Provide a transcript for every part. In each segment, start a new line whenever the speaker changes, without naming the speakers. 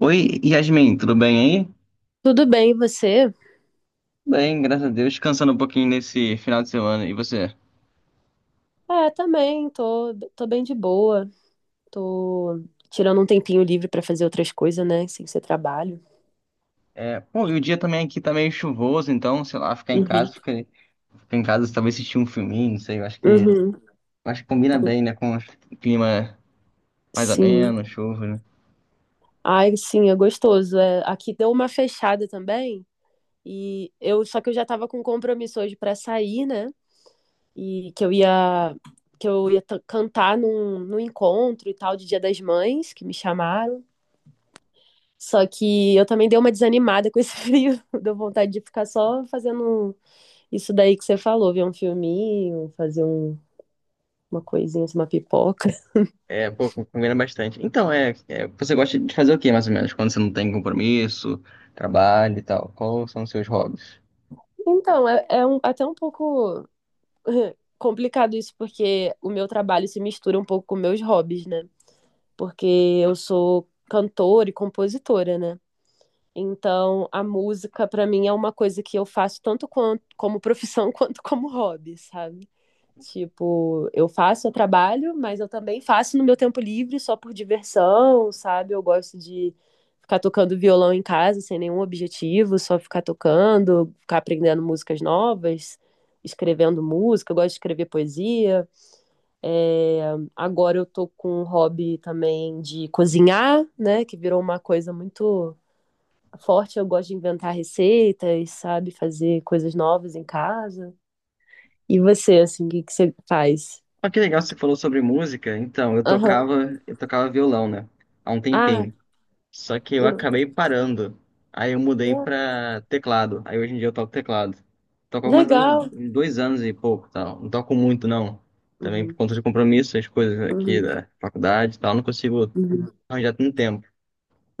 Oi, Yasmin, tudo bem aí?
Tudo bem, e você?
Bem, graças a Deus, descansando um pouquinho nesse final de semana. E você?
É, também, tô bem de boa. Tô tirando um tempinho livre pra fazer outras coisas, né? Sem ser trabalho.
É, pô, e o dia também aqui tá meio chuvoso, então, sei lá,
Uhum.
ficar em casa, talvez assistir um filminho, não sei, eu acho que,
Uhum.
eu acho que combina bem, né, com o clima mais
Sim.
ameno, chuva, né?
Ai, sim, é gostoso. É, aqui deu uma fechada também. E eu, só que eu já tava com compromisso hoje pra sair, né? E que eu ia que eu ia cantar num encontro e tal de Dia das Mães, que me chamaram. Só que eu também dei uma desanimada com esse frio, deu vontade de ficar só fazendo um isso daí que você falou, ver um filminho, fazer um, uma coisinha, assim, uma pipoca.
É, pô, combina bastante. Então, você gosta de fazer o quê, mais ou menos, quando você não tem compromisso, trabalho e tal? Quais são os seus hobbies?
Então, é um, até um pouco complicado isso, porque o meu trabalho se mistura um pouco com meus hobbies, né? Porque eu sou cantora e compositora, né? Então, a música, para mim, é uma coisa que eu faço tanto quanto, como profissão quanto como hobby, sabe? Tipo, eu faço, eu trabalho, mas eu também faço no meu tempo livre só por diversão, sabe? Eu gosto de ficar tocando violão em casa sem nenhum objetivo, só ficar tocando, ficar aprendendo músicas novas, escrevendo música, eu gosto de escrever poesia. É, agora eu tô com um hobby também de cozinhar, né? Que virou uma coisa muito forte. Eu gosto de inventar receitas, sabe? Fazer coisas novas em casa. E você, assim, o que que você faz?
Ah, que legal, você falou sobre música. Então, eu
Aham.
tocava, eu tocava violão, né? Há um
Ah,
tempinho. Só que eu
eu não.
acabei parando. Aí eu mudei
Ah,
pra teclado. Aí hoje em dia eu toco teclado. Toco mais ou menos
legal.
uns 2 anos e pouco, tal. Não toco muito, não. Também por
Uhum,
conta de compromisso, as coisas aqui
uhum,
da faculdade e tal, não consigo
uhum,
arranjar tanto tempo.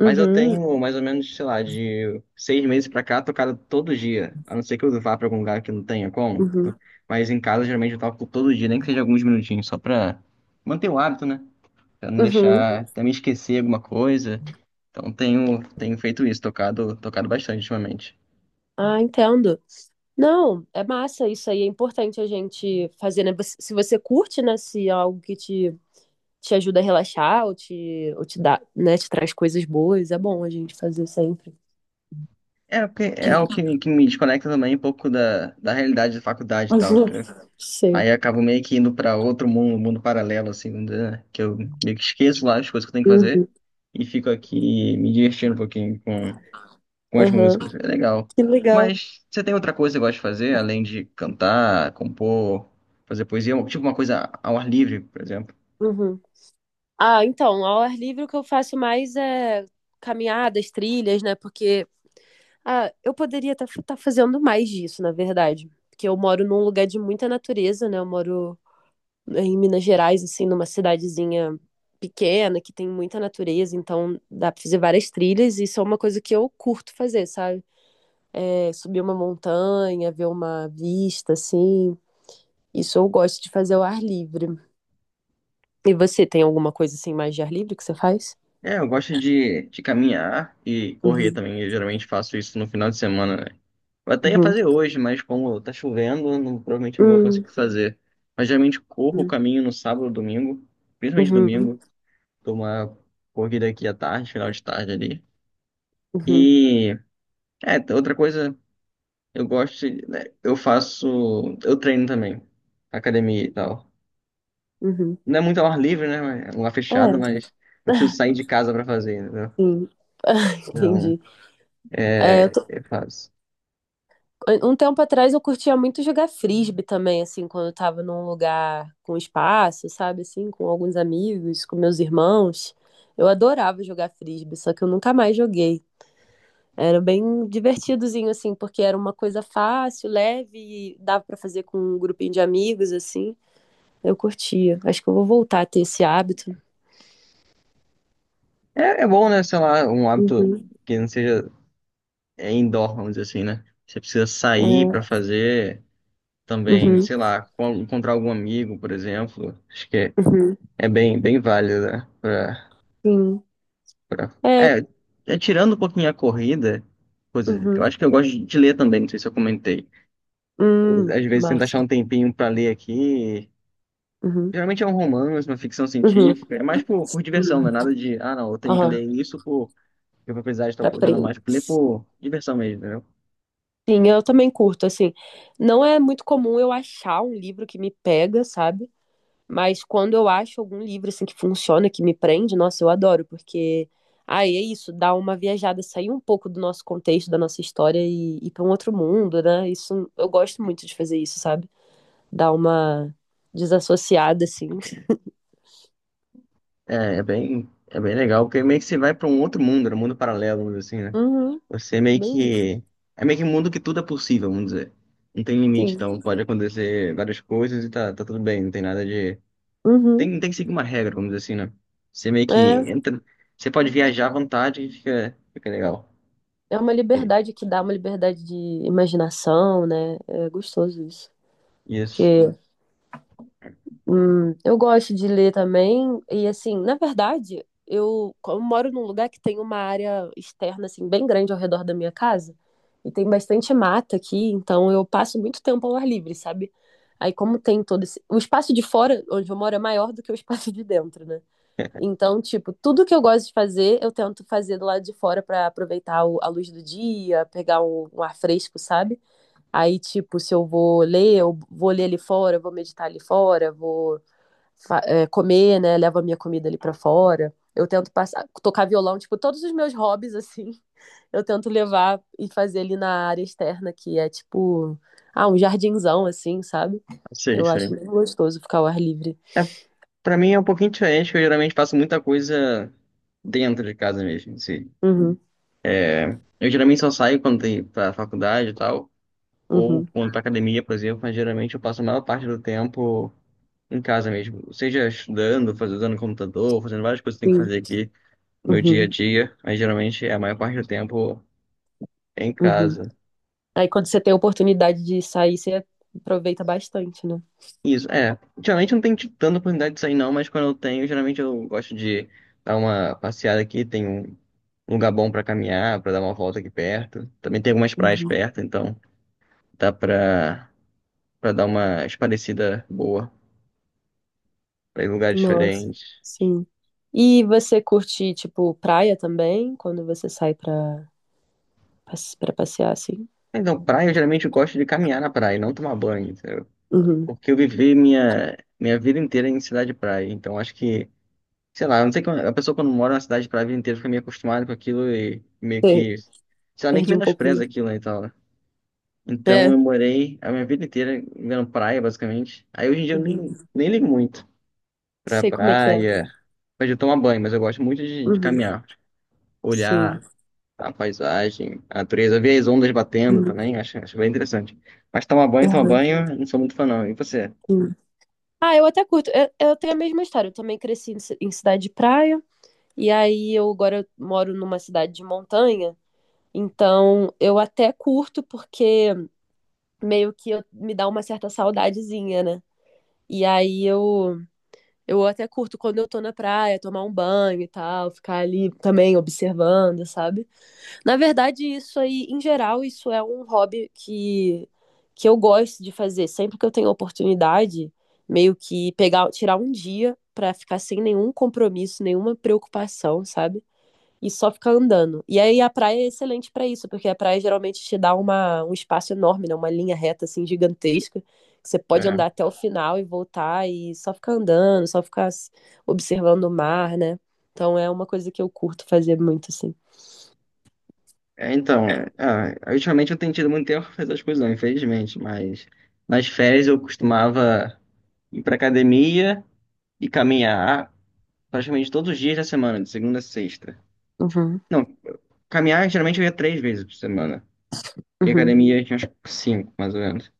Mas eu tenho mais ou menos, sei lá, de 6 meses pra cá, tocado todo dia. A não ser que eu vá pra algum lugar que não tenha como.
uhum,
Mas em casa, geralmente, eu toco todo dia, nem que seja alguns minutinhos, só pra manter o hábito, né? Pra não
uhum.
deixar, também esquecer alguma coisa. Então tenho, tenho feito isso, tocado, tocado bastante ultimamente.
Ah, entendo. Não, é massa isso aí, é importante a gente fazer, né? Você- se você curte, né, se é algo que te ajuda a relaxar ou te dá, né, te traz coisas boas, é bom a gente fazer sempre.
É, porque é o que, que me desconecta também um pouco da, da realidade da faculdade e tal.
Uhum. Sim.
Aí eu acabo meio que indo para outro mundo, um mundo paralelo, assim, né, que eu meio que esqueço lá as coisas que eu tenho que fazer
Uhum.
e fico aqui me divertindo um pouquinho com as
Aham.
músicas. É legal.
Que legal.
Mas você tem outra coisa que gosta de fazer, além de cantar, compor, fazer poesia, tipo uma coisa ao ar livre, por exemplo?
Uhum. Ah, então, ao ar livre o que eu faço mais é caminhadas, trilhas, né? Porque ah, eu poderia estar fazendo mais disso, na verdade. Porque eu moro num lugar de muita natureza, né? Eu moro em Minas Gerais, assim, numa cidadezinha pequena, que tem muita natureza, então dá pra fazer várias trilhas, e isso é uma coisa que eu curto fazer, sabe? É, subir uma montanha, ver uma vista, assim. Isso eu gosto de fazer ao ar livre. E você tem alguma coisa assim mais de ar livre que você faz?
É, eu gosto de caminhar e correr
Uhum,
também. Eu geralmente faço isso no final de semana, né? Eu até ia
uhum,
fazer hoje, mas como tá chovendo, provavelmente não vou
uhum,
conseguir fazer. Mas geralmente corro o caminho no sábado, domingo, principalmente
uhum,
domingo, dou uma corrida aqui à tarde, final de tarde ali.
uhum,
E outra coisa, eu gosto, né, eu faço, eu treino também, academia e tal.
uhum.
Não é muito ao ar livre, né? É um ar fechado,
É.
mas eu preciso sair de casa pra fazer, entendeu?
Sim.
Então,
Entendi. É, eu
é,
tô-
eu faço.
Um tempo atrás eu curtia muito jogar frisbee também, assim, quando eu tava num lugar com espaço, sabe, assim, com alguns amigos, com meus irmãos. Eu adorava jogar frisbee, só que eu nunca mais joguei. Era bem divertidozinho, assim, porque era uma coisa fácil, leve, e dava pra fazer com um grupinho de amigos, assim. Eu curtia. Acho que eu vou voltar a ter esse hábito.
É, é bom, né? Sei lá, um hábito
Uhum.
que não seja é indoor, vamos dizer assim, né? Você precisa sair
É.
pra fazer também,
Uhum.
sei lá, encontrar algum amigo, por exemplo. Acho que é,
Uhum.
é bem, bem válido, né? Pra,
Sim.
pra...
É.
É, tirando um pouquinho a corrida, coisa, eu
Uhum.
acho que eu gosto de ler também, não sei se eu comentei. Às vezes tento achar
Massa.
um tempinho pra ler aqui.
Uhum.
Geralmente é um romance, uma ficção
Uhum.
científica. É mais por diversão, não é
Uhum.
nada de, ah, não, eu tenho que ler
Aham.
isso por. Eu vou precisar de tal
Pra
coisa, não, mais por ler
Prince.
por diversão mesmo, né?
Sim, eu também curto, assim. Não é muito comum eu achar um livro que me pega, sabe? Mas quando eu acho algum livro, assim, que funciona, que me prende, nossa, eu adoro, porque... aí é isso, dá uma viajada, sair um pouco do nosso contexto, da nossa história e ir para um outro mundo, né? Isso, eu gosto muito de fazer isso, sabe? Dar uma desassociada, assim.
É bem legal, porque meio que você vai para um outro mundo, né, um mundo paralelo, vamos dizer assim, né?
Uhum,
Você meio
bem, isso,
que. É meio que um mundo que tudo é possível, vamos dizer. Não tem limite,
sim.
então pode acontecer várias coisas e tá, tá tudo bem, não tem nada de.
Uhum.
Tem, não tem que seguir uma regra, vamos dizer assim, né? Você meio que
É,
entra. Você pode viajar à vontade e fica, fica legal.
é uma
E-
liberdade que dá, uma liberdade de imaginação, né? É gostoso isso. Porque
Isso.
é. Hum, eu gosto de ler também, e assim, na verdade, eu, como eu moro num lugar que tem uma área externa, assim, bem grande ao redor da minha casa, e tem bastante mata aqui, então eu passo muito tempo ao ar livre, sabe? Aí, como tem todo esse, o espaço de fora, onde eu moro, é maior do que o espaço de dentro, né? Então, tipo, tudo que eu gosto de fazer, eu tento fazer do lado de fora pra aproveitar o- a luz do dia, pegar um ar fresco, sabe? Aí, tipo, se eu vou ler, eu vou ler ali fora, vou meditar ali fora, vou é, comer, né? Levo a minha comida ali pra fora. Eu tento passar, tocar violão, tipo, todos os meus hobbies, assim, eu tento levar e fazer ali na área externa, que é tipo, ah, um jardinzão, assim, sabe?
Sei,
Eu acho
sei.
muito gostoso ficar ao ar livre.
É, pra mim é um pouquinho diferente, porque eu geralmente faço muita coisa dentro de casa mesmo, assim.
Uhum,
Eu geralmente só saio quando tem pra faculdade e tal. Ou
uhum,
quando para academia, por exemplo, mas geralmente eu passo a maior parte do tempo em casa mesmo, seja estudando, fazendo usando computador, fazendo várias coisas que eu tenho que
sim,
fazer aqui no meu dia a
uhum,
dia, mas geralmente é a maior parte do tempo em
uhum.
casa.
Aí quando você tem a oportunidade de sair, você aproveita bastante, né?
Isso, é. Geralmente eu não tenho tido tanta oportunidade de sair não, mas quando eu tenho, geralmente eu gosto de dar uma passeada aqui, tem um lugar bom para caminhar, para dar uma volta aqui perto. Também tem algumas praias
Uhum.
perto, então dá para dar uma esparecida boa, para ir em lugares
Nossa,
diferentes.
sim. E você curte, tipo, praia também, quando você sai pra, pra passear, assim?
Então, praia, eu geralmente gosto de caminhar na praia, não tomar banho, entendeu?
Uhum.
Porque eu vivi minha vida inteira em cidade de praia. Então, acho que, sei lá, eu não sei como a pessoa quando mora na cidade de praia a vida inteira fica meio acostumada com aquilo e meio
Você
que, sei lá, meio que
perde um pouco, né?
menospreza aquilo né, e tal. Né? Então,
É.
eu morei a minha vida inteira vendo praia, basicamente. Aí, hoje em dia, eu nem,
Uhum.
nem ligo muito pra
Sei como é que é.
praia, mas de tomar banho, mas eu gosto muito de
Uhum.
caminhar,
Sim.
olhar a paisagem, a natureza. Eu vi as ondas batendo
Uhum.
também, acho bem interessante. Mas tomar
Uhum.
banho, não sou muito fã não. E você?
Sim. Ah, eu até curto. Eu tenho a mesma história. Eu também cresci em, em cidade de praia. E aí eu agora moro numa cidade de montanha. Então eu até curto porque meio que eu- me dá uma certa saudadezinha, né? E aí eu até curto quando eu tô na praia, tomar um banho e tal, ficar ali também observando, sabe? Na verdade, isso aí, em geral, isso é um hobby que eu gosto de fazer. Sempre que eu tenho oportunidade, meio que pegar, tirar um dia pra ficar sem nenhum compromisso, nenhuma preocupação, sabe? E só ficar andando. E aí a praia é excelente para isso, porque a praia geralmente te dá uma, um espaço enorme, né? Uma linha reta assim gigantesca, que você pode
É,
andar até o final e voltar e só ficar andando, só ficar observando o mar, né? Então é uma coisa que eu curto fazer muito assim.
então, ah, ultimamente eu tenho tido muito tempo para fazer as coisas não, infelizmente. Mas nas férias eu costumava ir para academia e caminhar praticamente todos os dias da semana, de segunda a sexta.
Uhum,
Não, caminhar geralmente eu ia três vezes por semana. E
uhum,
academia eu tinha uns cinco, mais ou menos.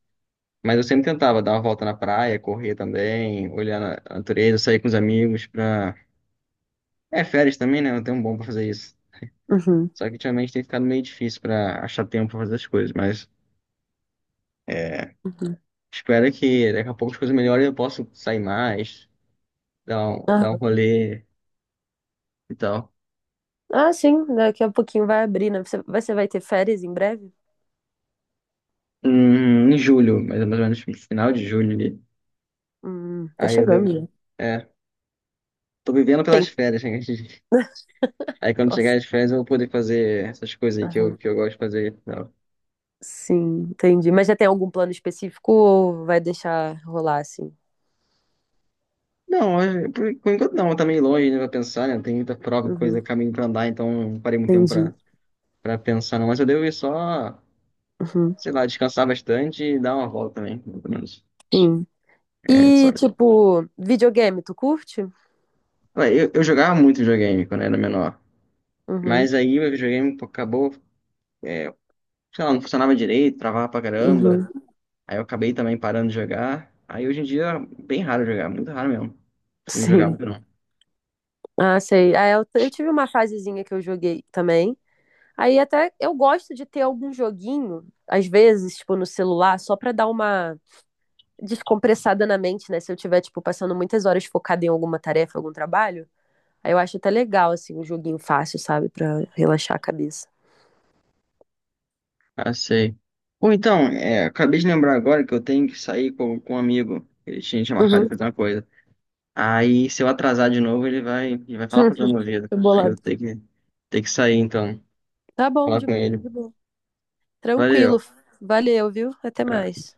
Mas eu sempre tentava dar uma volta na praia, correr também, olhar na a natureza, sair com os amigos para. É, férias também, né? Não tem um bom pra fazer isso.
uhum,
Só que ultimamente tem ficado meio difícil pra achar tempo pra fazer as coisas, mas é,
uhum.
espero que daqui a pouco as coisas melhorem e eu possa sair mais, dar um
Aham.
rolê e tal.
Ah, sim, daqui a pouquinho vai abrir, né? Você vai ter férias em breve?
Em julho, mais ou menos no final de julho ali.
Tá
Aí eu
chegando
devo.
já.
É, tô vivendo pelas
Tem.
férias, né? Aí quando chegar
Nossa.
as férias eu vou poder fazer essas coisas aí que eu,
Aham.
que eu gosto de fazer. E tal.
Sim, entendi. Mas já tem algum plano específico ou vai deixar rolar assim?
Não, por enquanto não, tá meio longe, né? Pra pensar, né? Tem muita prova, coisa,
Uhum,
caminho pra andar, então não parei muito tempo
entendi.
pra pensar, não. Mas eu devo ir só,
Uhum,
sei lá, descansar bastante e dar uma volta também, pelo menos.
sim.
É, só...
E, tipo, videogame, tu curte?
Ué, eu jogava muito videogame quando era menor.
Uhum,
Mas aí o videogame pô, acabou, é, sei lá, não funcionava direito, travava pra caramba.
uhum,
Aí eu acabei também parando de jogar. Aí hoje em dia é bem raro jogar, muito raro mesmo. Não jogar
sim.
muito não.
Ah, sei. Ah, eu tive uma fasezinha que eu joguei também. Aí até eu gosto de ter algum joguinho, às vezes, tipo, no celular, só pra dar uma descompressada na mente, né? Se eu tiver, tipo, passando muitas horas focada em alguma tarefa, algum trabalho. Aí eu acho até legal, assim, um joguinho fácil, sabe? Pra relaxar a cabeça.
Ah, sei. Ou então, é, acabei de lembrar agora que eu tenho que sair com um amigo. Ele tinha marcado de
Uhum.
fazer uma coisa. Aí, se eu atrasar de novo, ele vai falar pra minha vida.
Foi
Aí eu
bolado.
tenho que sair, então.
Tá bom,
Falar com ele.
de boa. Tranquilo.
Valeu.
Valeu, viu? Até
Abraço.
mais.